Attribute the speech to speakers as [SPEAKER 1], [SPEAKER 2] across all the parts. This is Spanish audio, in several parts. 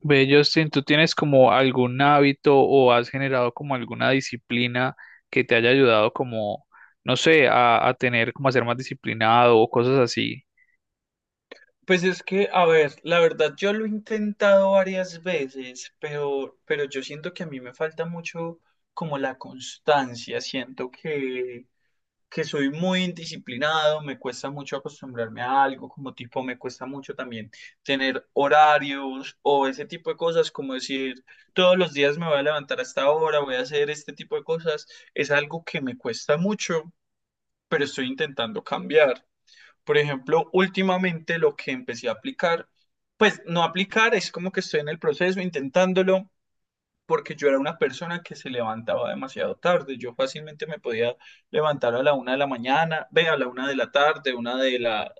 [SPEAKER 1] Ve, Justin, ¿tú tienes como algún hábito o has generado como alguna disciplina que te haya ayudado como, no sé, a tener como a ser más disciplinado o cosas así?
[SPEAKER 2] Pues es que, a ver, la verdad yo lo he intentado varias veces, pero yo siento que a mí me falta mucho como la constancia, siento que soy muy indisciplinado, me cuesta mucho acostumbrarme a algo, como tipo me cuesta mucho también tener horarios o ese tipo de cosas, como decir todos los días me voy a levantar a esta hora, voy a hacer este tipo de cosas, es algo que me cuesta mucho, pero estoy intentando cambiar. Por ejemplo, últimamente lo que empecé a aplicar, pues no aplicar, es como que estoy en el proceso intentándolo, porque yo era una persona que se levantaba demasiado tarde. Yo fácilmente me podía levantar a la 1 de la mañana, ve a la 1 de la tarde, una de la,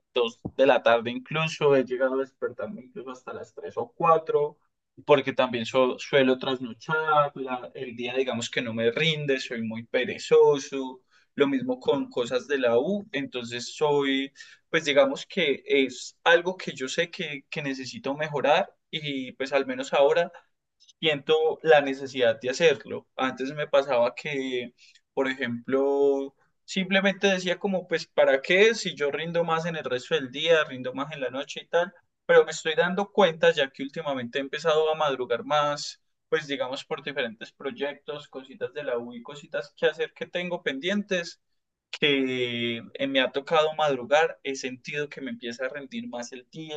[SPEAKER 2] de la tarde incluso, he llegado a despertarme incluso hasta las 3 o 4 porque también suelo trasnochar, el día digamos que no me rinde, soy muy perezoso, lo mismo con cosas de la U, entonces soy, pues digamos que es algo que yo sé que necesito mejorar y pues al menos ahora siento la necesidad de hacerlo. Antes me pasaba que, por ejemplo, simplemente decía como, pues, ¿para qué? Si yo rindo más en el resto del día, rindo más en la noche y tal, pero me estoy dando cuenta ya que últimamente he empezado a madrugar más, pues, digamos, por diferentes proyectos, cositas de la U y cositas que hacer que tengo pendientes, que me ha tocado madrugar, he sentido que me empieza a rendir más el día,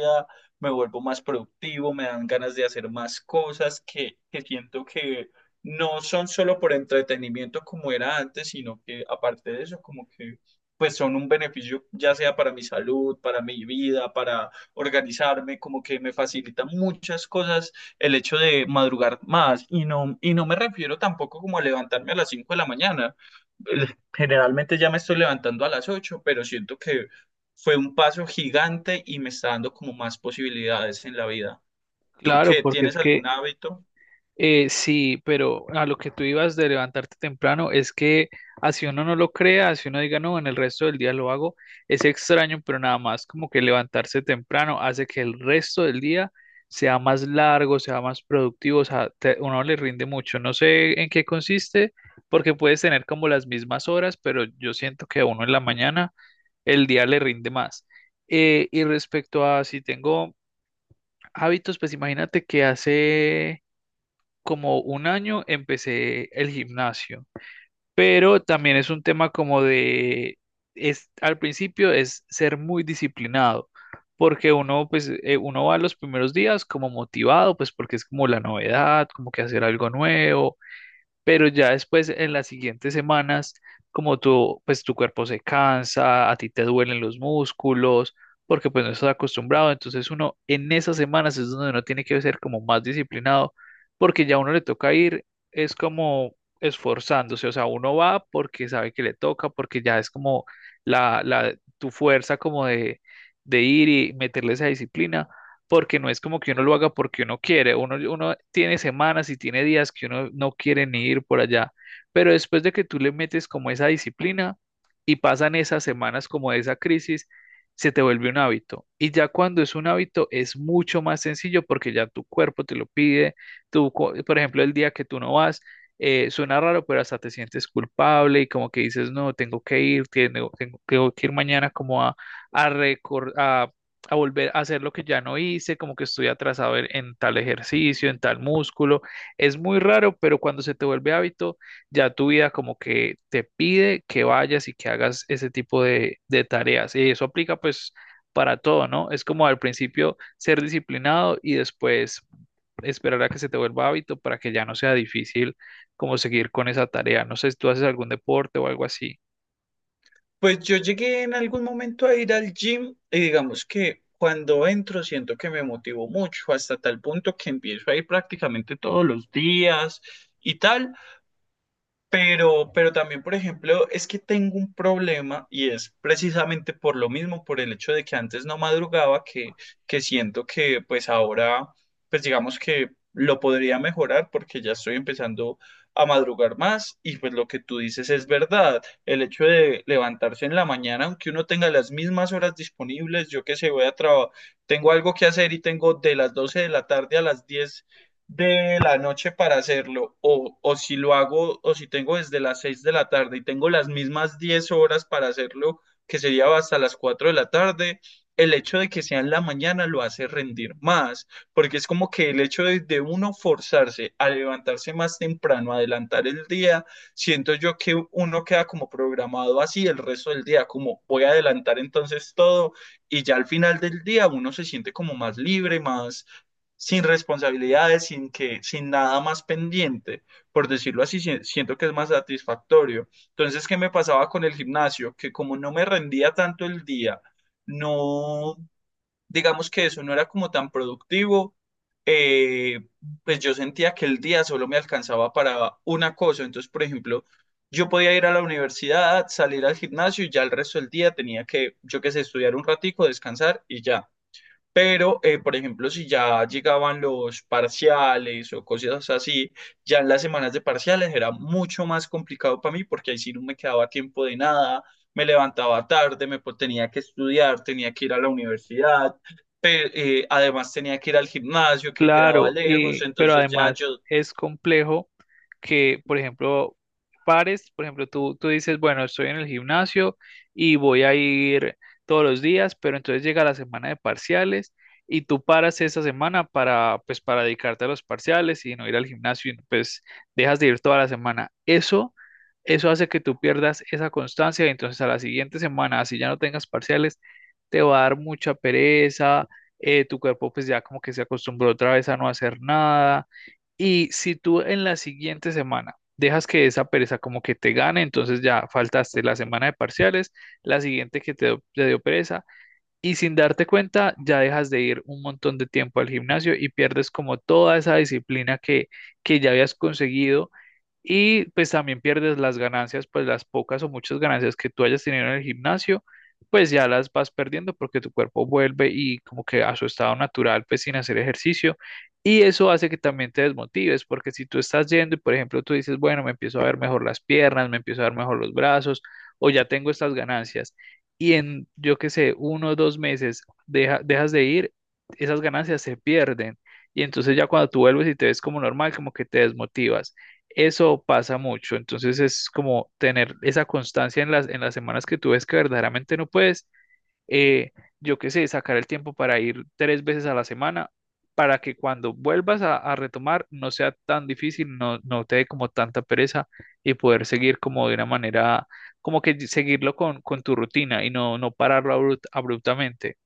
[SPEAKER 2] me vuelvo más productivo, me dan ganas de hacer más cosas que siento que no son solo por entretenimiento como era antes, sino que aparte de eso, como que pues son un beneficio ya sea para mi salud, para mi vida, para organizarme, como que me facilita muchas cosas el hecho de madrugar más y no me refiero tampoco como a levantarme a las 5 de la mañana. Eh, Generalmente ya me estoy levantando a las 8, pero siento que fue un paso gigante y me está dando como más posibilidades en la vida. ¿Tú
[SPEAKER 1] Claro,
[SPEAKER 2] qué?
[SPEAKER 1] porque es
[SPEAKER 2] ¿Tienes algún
[SPEAKER 1] que
[SPEAKER 2] hábito?
[SPEAKER 1] Sí, pero a lo que tú ibas de levantarte temprano es que así uno no lo crea, así uno diga no, en el resto del día lo hago, es extraño, pero nada más como que levantarse temprano hace que el resto del día sea más largo, sea más productivo, o sea, uno le rinde mucho. No sé en qué consiste, porque puedes tener como las mismas horas, pero yo siento que a uno en la mañana el día le rinde más. Y respecto a si tengo hábitos, pues imagínate que hace como un año empecé el gimnasio, pero también es un tema como de, es, al principio es ser muy disciplinado, porque uno, uno va los primeros días como motivado, pues porque es como la novedad, como que hacer algo nuevo, pero ya después en las siguientes semanas, como tú, pues tu cuerpo se cansa, a ti te duelen los músculos, porque pues no estás acostumbrado, entonces uno en esas semanas es donde uno tiene que ser como más disciplinado, porque ya a uno le toca ir, es como esforzándose, o sea, uno va porque sabe que le toca, porque ya es como tu fuerza como de ir y meterle esa disciplina porque no es como que uno lo haga porque uno quiere, uno tiene semanas y tiene días que uno no quiere ni ir por allá, pero después de que tú le metes como esa disciplina y pasan esas semanas como de esa crisis, se te vuelve un hábito. Y ya cuando es un hábito es mucho más sencillo porque ya tu cuerpo te lo pide, por ejemplo, el día que tú no vas. Suena raro, pero hasta te sientes culpable y como que dices, no, tengo que ir, tengo que ir mañana como a a volver a hacer lo que ya no hice, como que estoy atrasado en tal ejercicio, en tal músculo. Es muy raro, pero cuando se te vuelve hábito, ya tu vida como que te pide que vayas y que hagas ese tipo de tareas. Y eso aplica pues para todo, ¿no? Es como al principio ser disciplinado y después esperar a que se te vuelva hábito para que ya no sea difícil como seguir con esa tarea. No sé si tú haces algún deporte o algo así.
[SPEAKER 2] Pues yo llegué en algún momento a ir al gym y digamos que cuando entro siento que me motivo mucho hasta tal punto que empiezo a ir prácticamente todos los días y tal. Pero también, por ejemplo, es que tengo un problema y es precisamente por lo mismo, por el hecho de que antes no madrugaba, que siento que pues ahora, pues digamos que lo podría mejorar porque ya estoy empezando a madrugar más y pues lo que tú dices es verdad. El hecho de levantarse en la mañana, aunque uno tenga las mismas horas disponibles, yo que sé, voy a trabajar, tengo algo que hacer y tengo de las 12 de la tarde a las 10 de la noche para hacerlo, o si lo hago, o si tengo desde las 6 de la tarde y tengo las mismas 10 horas para hacerlo, que sería hasta las 4 de la tarde, el hecho de que sea en la mañana lo hace rendir más, porque es como que el hecho de uno forzarse a levantarse más temprano, adelantar el día, siento yo que uno queda como programado así el resto del día, como voy a adelantar entonces todo y ya al final del día uno se siente como más libre, más, sin responsabilidades, sin que, sin nada más pendiente, por decirlo así, siento que es más satisfactorio. Entonces, ¿qué me pasaba con el gimnasio? Que como no me rendía tanto el día, no, digamos que eso no era como tan productivo, eh, pues yo sentía que el día solo me alcanzaba para una cosa. Entonces, por ejemplo, yo podía ir a la universidad, salir al gimnasio y ya el resto del día tenía que, yo qué sé, estudiar un ratico, descansar y ya. Pero, por ejemplo, si ya llegaban los parciales o cosas así, ya en las semanas de parciales era mucho más complicado para mí porque ahí sí no me quedaba tiempo de nada, me levantaba tarde, tenía que estudiar, tenía que ir a la universidad, pe- además tenía que ir al gimnasio que quedaba
[SPEAKER 1] Claro,
[SPEAKER 2] lejos,
[SPEAKER 1] y, pero
[SPEAKER 2] entonces ya
[SPEAKER 1] además
[SPEAKER 2] yo.
[SPEAKER 1] es complejo que, por ejemplo, pares, por ejemplo, tú dices, bueno, estoy en el gimnasio y voy a ir todos los días, pero entonces llega la semana de parciales y tú paras esa semana para, pues, para dedicarte a los parciales y no ir al gimnasio y pues dejas de ir toda la semana. Eso hace que tú pierdas esa constancia y entonces a la siguiente semana, así ya no tengas parciales, te va a dar mucha pereza. Tu cuerpo pues ya como que se acostumbró otra vez a no hacer nada. Y si tú en la siguiente semana dejas que esa pereza como que te gane, entonces ya faltaste la semana de parciales, la siguiente que te dio pereza, y sin darte cuenta, ya dejas de ir un montón de tiempo al gimnasio y pierdes como toda esa disciplina que ya habías conseguido, y pues también pierdes las ganancias, pues las pocas o muchas ganancias que tú hayas tenido en el gimnasio, pues ya las vas perdiendo porque tu cuerpo vuelve y como que a su estado natural, pues sin hacer ejercicio. Y eso hace que también te desmotives, porque si tú estás yendo y por ejemplo tú dices, bueno, me empiezo a ver mejor las piernas, me empiezo a ver mejor los brazos, o ya tengo estas ganancias y en, yo qué sé, uno o dos meses dejas de ir, esas ganancias se pierden. Y entonces ya cuando tú vuelves y te ves como normal, como que te desmotivas. Eso pasa mucho. Entonces es como tener esa constancia en en las semanas que tú ves que verdaderamente no puedes, eh, yo qué sé, sacar el tiempo para ir 3 veces a la semana para que cuando vuelvas a retomar no sea tan difícil, no te dé como tanta pereza y poder seguir como de una manera, como que seguirlo con tu rutina y no pararlo abruptamente.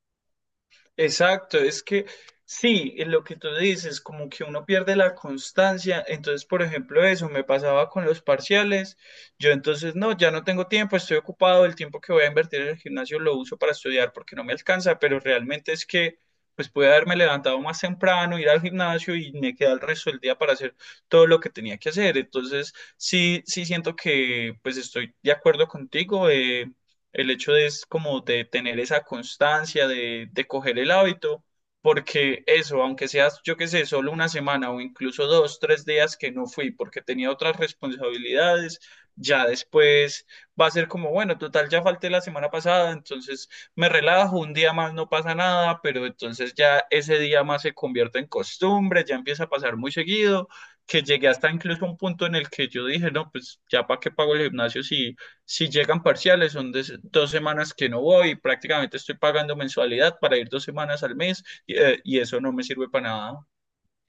[SPEAKER 2] Exacto, es que sí, es lo que tú dices, como que uno pierde la constancia, entonces por ejemplo eso me pasaba con los parciales, yo entonces no, ya no tengo tiempo, estoy ocupado, el tiempo que voy a invertir en el gimnasio lo uso para estudiar porque no me alcanza, pero realmente es que pues pude haberme levantado más temprano, ir al gimnasio y me queda el resto del día para hacer todo lo que tenía que hacer, entonces sí, sí siento que pues estoy de acuerdo contigo. El hecho de es como de tener esa constancia, de coger el hábito, porque eso, aunque seas, yo qué sé, solo una semana o incluso dos, 3 días que no fui porque tenía otras responsabilidades, ya después va a ser como, bueno, total, ya falté la semana pasada, entonces me relajo, un día más no pasa nada, pero entonces ya ese día más se convierte en costumbre, ya empieza a pasar muy seguido, que llegué hasta incluso un punto en el que yo dije, no, pues ya para qué pago el gimnasio si llegan parciales, son 2 semanas que no voy, prácticamente estoy pagando mensualidad para ir 2 semanas al mes y y eso no me sirve para nada.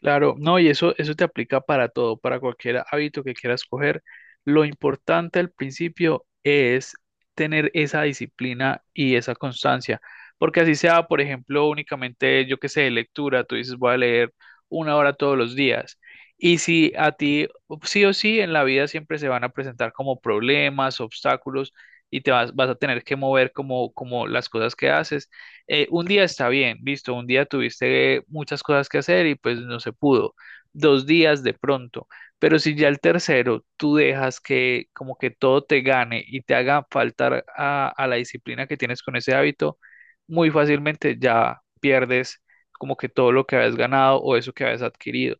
[SPEAKER 1] Claro, no, y eso te aplica para todo, para cualquier hábito que quieras coger. Lo importante al principio es tener esa disciplina y esa constancia, porque así sea, por ejemplo, únicamente, yo qué sé, lectura, tú dices, voy a leer una hora todos los días. Y si a ti, sí o sí, en la vida siempre se van a presentar como problemas, obstáculos, y te vas, vas a tener que mover como, como las cosas que haces. Un día está bien, visto, un día tuviste muchas cosas que hacer y pues no se pudo. Dos días de pronto, pero si ya el tercero tú dejas que como que todo te gane y te haga faltar a la disciplina que tienes con ese hábito, muy fácilmente ya pierdes como que todo lo que habías ganado o eso que habías adquirido.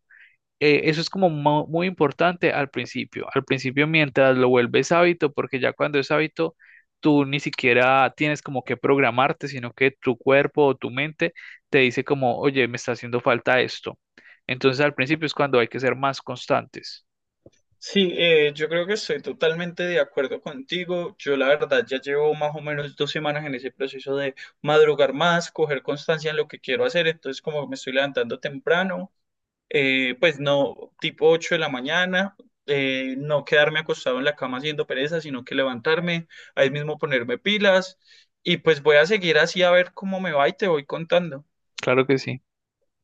[SPEAKER 1] Eso es muy importante al principio. Al principio, mientras lo vuelves hábito, porque ya cuando es hábito, tú ni siquiera tienes como que programarte, sino que tu cuerpo o tu mente te dice como, oye, me está haciendo falta esto. Entonces, al principio es cuando hay que ser más constantes.
[SPEAKER 2] Sí, yo creo que estoy totalmente de acuerdo contigo. Yo la verdad ya llevo más o menos 2 semanas en ese proceso de madrugar más, coger constancia en lo que quiero hacer. Entonces, como me estoy levantando temprano, pues no, tipo 8 de la mañana, no quedarme acostado en la cama haciendo pereza, sino que levantarme, ahí mismo ponerme pilas y pues voy a seguir así a ver cómo me va y te voy contando.
[SPEAKER 1] Claro que sí.